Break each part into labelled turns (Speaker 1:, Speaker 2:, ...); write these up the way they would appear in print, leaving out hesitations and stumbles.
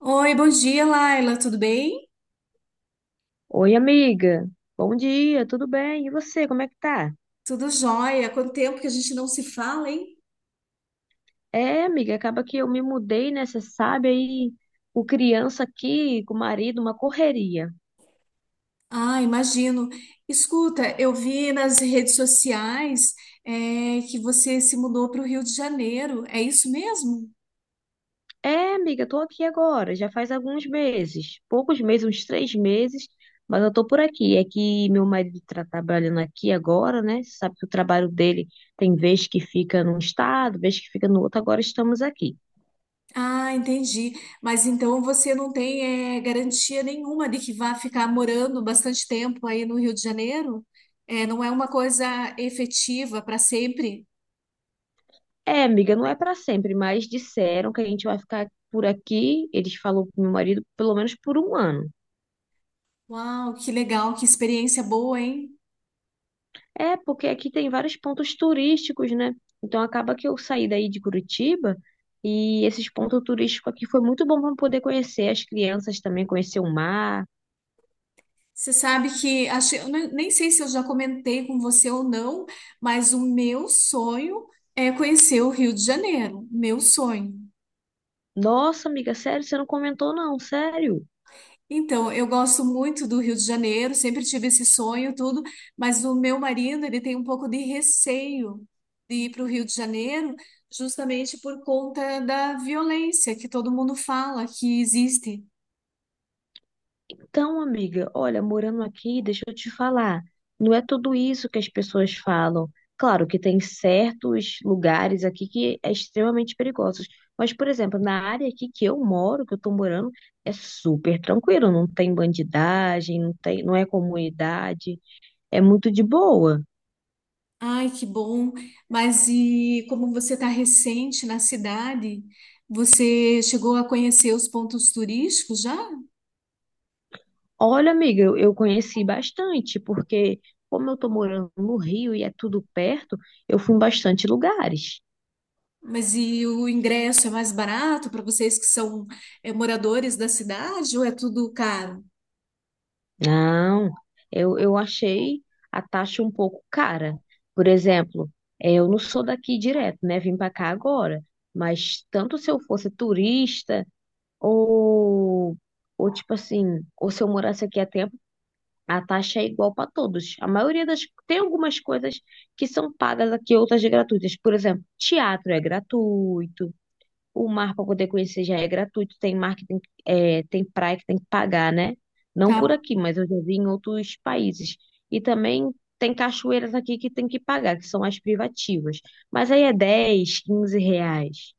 Speaker 1: Oi, bom dia, Laila. Tudo bem?
Speaker 2: Oi, amiga. Bom dia, tudo bem? E você, como é que tá?
Speaker 1: Tudo jóia? Quanto tempo que a gente não se fala, hein?
Speaker 2: É, amiga, acaba que eu me mudei, né? Você sabe aí, o criança aqui com o marido, uma correria.
Speaker 1: Ah, imagino. Escuta, eu vi nas redes sociais, que você se mudou para o Rio de Janeiro. É isso mesmo?
Speaker 2: É, amiga, tô aqui agora, já faz alguns meses, poucos meses, uns 3 meses, mas eu tô por aqui. É que meu marido tá trabalhando aqui agora, né? Você sabe que o trabalho dele tem vez que fica num estado, vez que fica no outro, agora estamos aqui.
Speaker 1: Ah, entendi. Mas então você não tem, garantia nenhuma de que vai ficar morando bastante tempo aí no Rio de Janeiro? É, não é uma coisa efetiva para sempre?
Speaker 2: É, amiga, não é pra sempre, mas disseram que a gente vai ficar por aqui, eles falou pro meu marido, pelo menos por um ano.
Speaker 1: Uau, que legal, que experiência boa, hein?
Speaker 2: É, porque aqui tem vários pontos turísticos, né? Então acaba que eu saí daí de Curitiba e esses pontos turísticos aqui foi muito bom para poder conhecer as crianças também, conhecer o mar.
Speaker 1: Você sabe que acho, eu nem sei se eu já comentei com você ou não, mas o meu sonho é conhecer o Rio de Janeiro, meu sonho.
Speaker 2: Nossa, amiga, sério, você não comentou não, sério?
Speaker 1: Então, eu gosto muito do Rio de Janeiro, sempre tive esse sonho, tudo, mas o meu marido, ele tem um pouco de receio de ir para o Rio de Janeiro, justamente por conta da violência que todo mundo fala que existe.
Speaker 2: Então, amiga, olha, morando aqui, deixa eu te falar, não é tudo isso que as pessoas falam. Claro que tem certos lugares aqui que é extremamente perigosos, mas, por exemplo, na área aqui que eu moro, que eu tô morando, é super tranquilo, não tem bandidagem, não tem, não é comunidade, é muito de boa.
Speaker 1: Ai, que bom. Mas e como você está recente na cidade, você chegou a conhecer os pontos turísticos já?
Speaker 2: Olha, amiga, eu conheci bastante, porque como eu tô morando no Rio e é tudo perto, eu fui em bastante lugares.
Speaker 1: Mas e o ingresso é mais barato para vocês que são é, moradores da cidade ou é tudo caro?
Speaker 2: Não, eu achei a taxa um pouco cara. Por exemplo, eu não sou daqui direto, né? Vim para cá agora. Mas tanto se eu fosse turista ou, ou tipo assim, ou se eu morasse aqui há tempo, a taxa é igual para todos. A maioria das... Tem algumas coisas que são pagas aqui, outras de gratuitas. Por exemplo, teatro é gratuito, o mar para poder conhecer já é gratuito, tem mar que tem, é, tem praia que tem que pagar, né? Não por
Speaker 1: Tá.
Speaker 2: aqui, mas eu já vi em outros países. E também tem cachoeiras aqui que tem que pagar, que são as privativas. Mas aí é 10, 15 reais.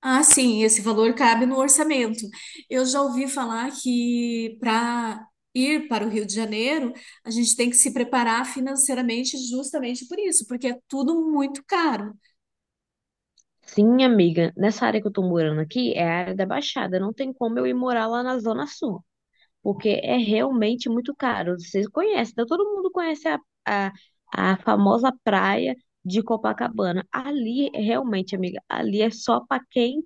Speaker 1: Ah, sim, esse valor cabe no orçamento. Eu já ouvi falar que para ir para o Rio de Janeiro, a gente tem que se preparar financeiramente justamente por isso, porque é tudo muito caro.
Speaker 2: Sim, amiga, nessa área que eu tô morando aqui é a área da Baixada, não tem como eu ir morar lá na Zona Sul. Porque é realmente muito caro. Vocês conhecem, então todo mundo conhece a, a famosa praia de Copacabana. Ali, realmente, amiga, ali é só para quem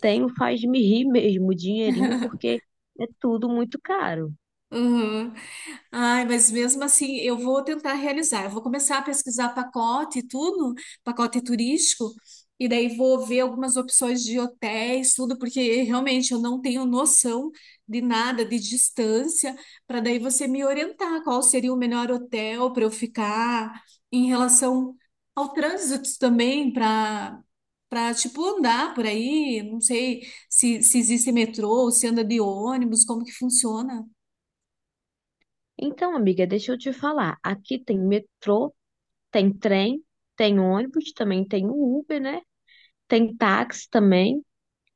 Speaker 2: tem o faz-me rir mesmo, o dinheirinho, porque é tudo muito caro.
Speaker 1: Uhum. Ai, mas mesmo assim, eu vou tentar realizar. Eu vou começar a pesquisar pacote e tudo, pacote turístico, e daí vou ver algumas opções de hotéis, tudo, porque realmente eu não tenho noção de nada, de distância, para daí você me orientar qual seria o melhor hotel para eu ficar em relação ao trânsito também, para tipo andar por aí, não sei se existe metrô, se anda de ônibus, como que funciona.
Speaker 2: Então, amiga, deixa eu te falar. Aqui tem metrô, tem trem, tem ônibus, também tem o Uber, né? Tem táxi também.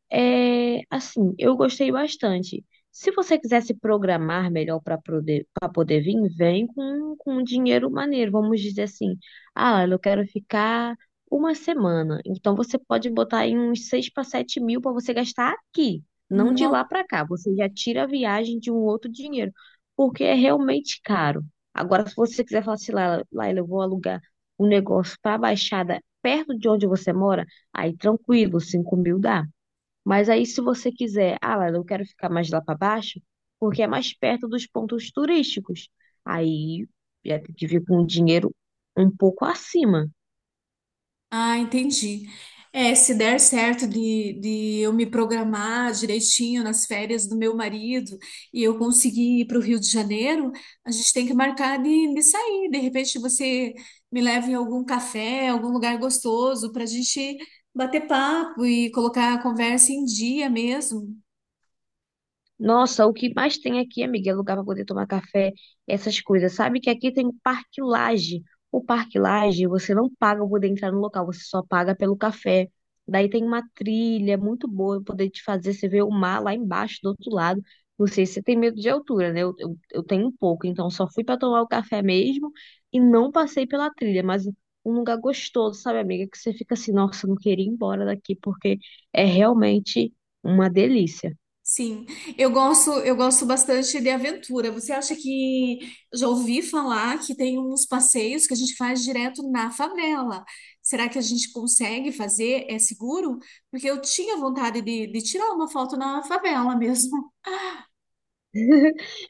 Speaker 2: É, assim, eu gostei bastante. Se você quiser se programar melhor para poder vir, vem com um dinheiro maneiro. Vamos dizer assim, ah, eu quero ficar uma semana. Então você pode botar aí uns 6 para 7 mil para você gastar aqui, não de lá para cá. Você já tira a viagem de um outro dinheiro, porque é realmente caro. Agora, se você quiser falar assim, Laila, eu vou alugar um negócio para a Baixada perto de onde você mora, aí tranquilo, 5 mil dá. Mas aí, se você quiser, ah, lá, eu quero ficar mais lá para baixo, porque é mais perto dos pontos turísticos. Aí, já tem que vir com o dinheiro um pouco acima.
Speaker 1: Ah, entendi. É, se der certo de eu me programar direitinho nas férias do meu marido e eu conseguir ir para o Rio de Janeiro, a gente tem que marcar de sair. De repente você me leva em algum café, algum lugar gostoso para a gente bater papo e colocar a conversa em dia mesmo.
Speaker 2: Nossa, o que mais tem aqui, amiga, é lugar para poder tomar café, essas coisas. Sabe que aqui tem o Parque Lage. O Parque Lage, você não paga para poder entrar no local, você só paga pelo café. Daí tem uma trilha muito boa pra poder te fazer você ver o mar lá embaixo, do outro lado. Não sei se você tem medo de altura, né? Eu tenho um pouco, então só fui para tomar o café mesmo e não passei pela trilha, mas um lugar gostoso, sabe, amiga, que você fica assim, nossa, eu não queria ir embora daqui porque é realmente uma delícia.
Speaker 1: Sim, eu gosto bastante de aventura. Você acha que já ouvi falar que tem uns passeios que a gente faz direto na favela? Será que a gente consegue fazer? É seguro? Porque eu tinha vontade de tirar uma foto na favela mesmo.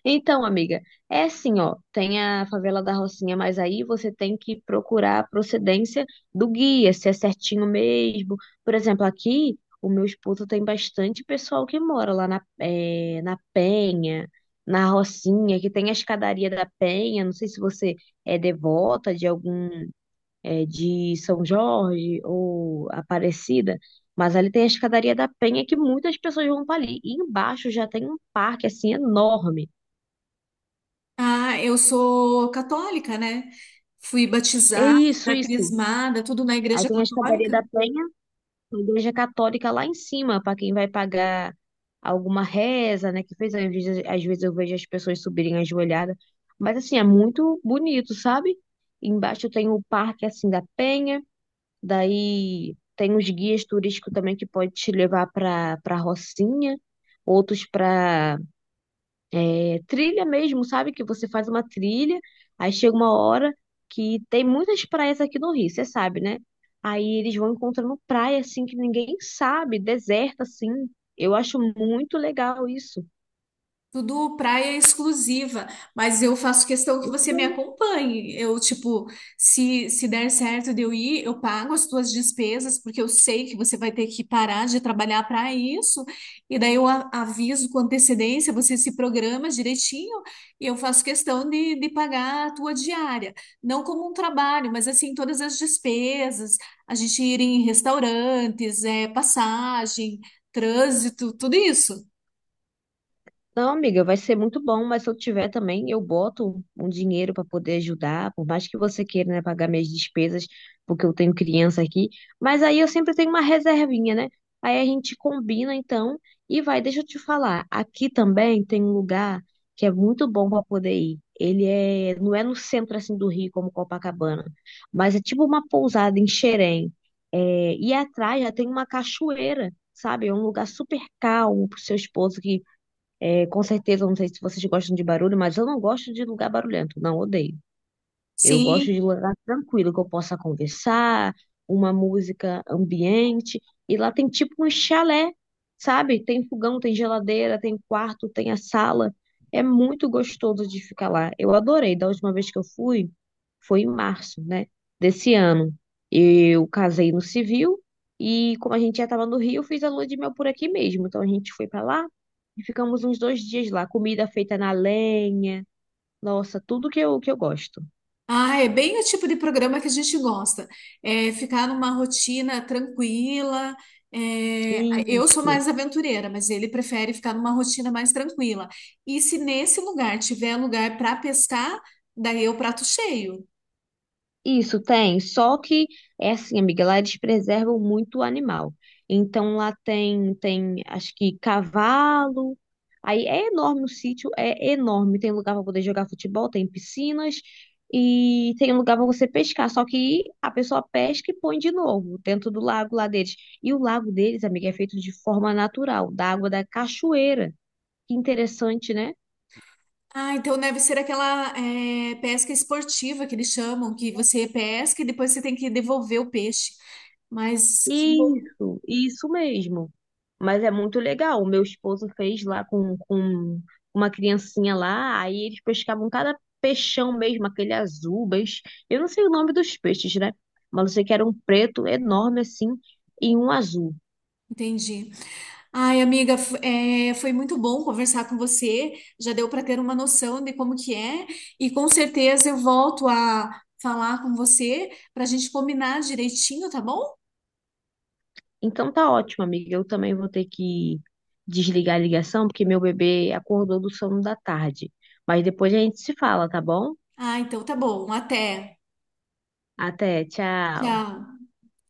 Speaker 2: Então, amiga, é assim, ó, tem a favela da Rocinha, mas aí você tem que procurar a procedência do guia, se é certinho mesmo. Por exemplo, aqui, o meu esposo tem bastante pessoal que mora lá na, na Penha, na Rocinha, que tem a escadaria da Penha. Não sei se você é devota de algum, de São Jorge ou Aparecida, mas ali tem a escadaria da Penha que muitas pessoas vão para ali. E embaixo já tem um parque, assim, enorme.
Speaker 1: Ah, eu sou católica, né? Fui
Speaker 2: É
Speaker 1: batizada,
Speaker 2: isso, isso.
Speaker 1: crismada, tudo na
Speaker 2: Aí
Speaker 1: igreja
Speaker 2: tem a Escadaria
Speaker 1: católica.
Speaker 2: da Penha, a igreja católica lá em cima, para quem vai pagar alguma reza, né? Que fez, às vezes eu vejo as pessoas subirem ajoelhadas. Mas assim, é muito bonito, sabe? Embaixo tem o Parque assim da Penha, daí tem os guias turísticos também que pode te levar para Rocinha, outros para trilha mesmo, sabe? Que você faz uma trilha, aí chega uma hora que tem muitas praias aqui no Rio, você sabe, né? Aí eles vão encontrando praia assim que ninguém sabe, deserta assim. Eu acho muito legal isso.
Speaker 1: Tudo praia exclusiva, mas eu faço questão que você me acompanhe. Eu, tipo, se der certo de eu ir, eu pago as tuas despesas, porque eu sei que você vai ter que parar de trabalhar para isso. E daí eu aviso com antecedência, você se programa direitinho e eu faço questão de pagar a tua diária. Não como um trabalho, mas assim, todas as despesas, a gente ir em restaurantes, é, passagem, trânsito, tudo isso.
Speaker 2: Não, amiga, vai ser muito bom, mas se eu tiver também, eu boto um dinheiro para poder ajudar, por mais que você queira, né, pagar minhas despesas, porque eu tenho criança aqui, mas aí eu sempre tenho uma reservinha, né? Aí a gente combina então e vai, deixa eu te falar, aqui também tem um lugar que é muito bom para poder ir. Ele é, não é no centro assim do Rio como Copacabana, mas é tipo uma pousada em Xerém. É, e atrás já tem uma cachoeira, sabe? É um lugar super calmo para o seu esposo que é, com certeza, não sei se vocês gostam de barulho, mas eu não gosto de lugar barulhento, não, odeio. Eu gosto
Speaker 1: Sim.
Speaker 2: de lugar tranquilo, que eu possa conversar, uma música ambiente. E lá tem tipo um chalé, sabe? Tem fogão, tem geladeira, tem quarto, tem a sala. É muito gostoso de ficar lá. Eu adorei. Da última vez que eu fui, foi em março, né? Desse ano. Eu casei no civil e, como a gente já estava no Rio, eu fiz a lua de mel por aqui mesmo. Então a gente foi para lá e ficamos uns 2 dias lá. Comida feita na lenha. Nossa, tudo que eu gosto.
Speaker 1: Ah, é bem o tipo de programa que a gente gosta. É ficar numa rotina tranquila. É, eu sou
Speaker 2: Isso,
Speaker 1: mais aventureira, mas ele prefere ficar numa rotina mais tranquila. E se nesse lugar tiver lugar para pescar, daí é o prato cheio.
Speaker 2: isso tem. Só que é assim, amiga, lá eles preservam muito o animal. Então lá tem, acho que cavalo. Aí é enorme o sítio, é enorme. Tem lugar para poder jogar futebol, tem piscinas e tem um lugar para você pescar. Só que a pessoa pesca e põe de novo dentro do lago lá deles. E o lago deles, amiga, é feito de forma natural, da água da cachoeira. Que interessante, né?
Speaker 1: Ah, então deve ser aquela é, pesca esportiva que eles chamam, que você pesca e depois você tem que devolver o peixe. Mas que bom,
Speaker 2: Isso mesmo. Mas é muito legal. O meu esposo fez lá com uma criancinha lá, aí eles pescavam cada peixão mesmo, aquele azul, mas eu não sei o nome dos peixes, né? Mas eu sei que era um preto enorme assim e um azul.
Speaker 1: entendi. Ai, amiga, é, foi muito bom conversar com você. Já deu para ter uma noção de como que é, e com certeza eu volto a falar com você para a gente combinar direitinho, tá bom?
Speaker 2: Então tá ótimo, amiga. Eu também vou ter que desligar a ligação, porque meu bebê acordou do sono da tarde. Mas depois a gente se fala, tá bom?
Speaker 1: Ah, então tá bom. Até.
Speaker 2: Até, tchau.
Speaker 1: Tchau.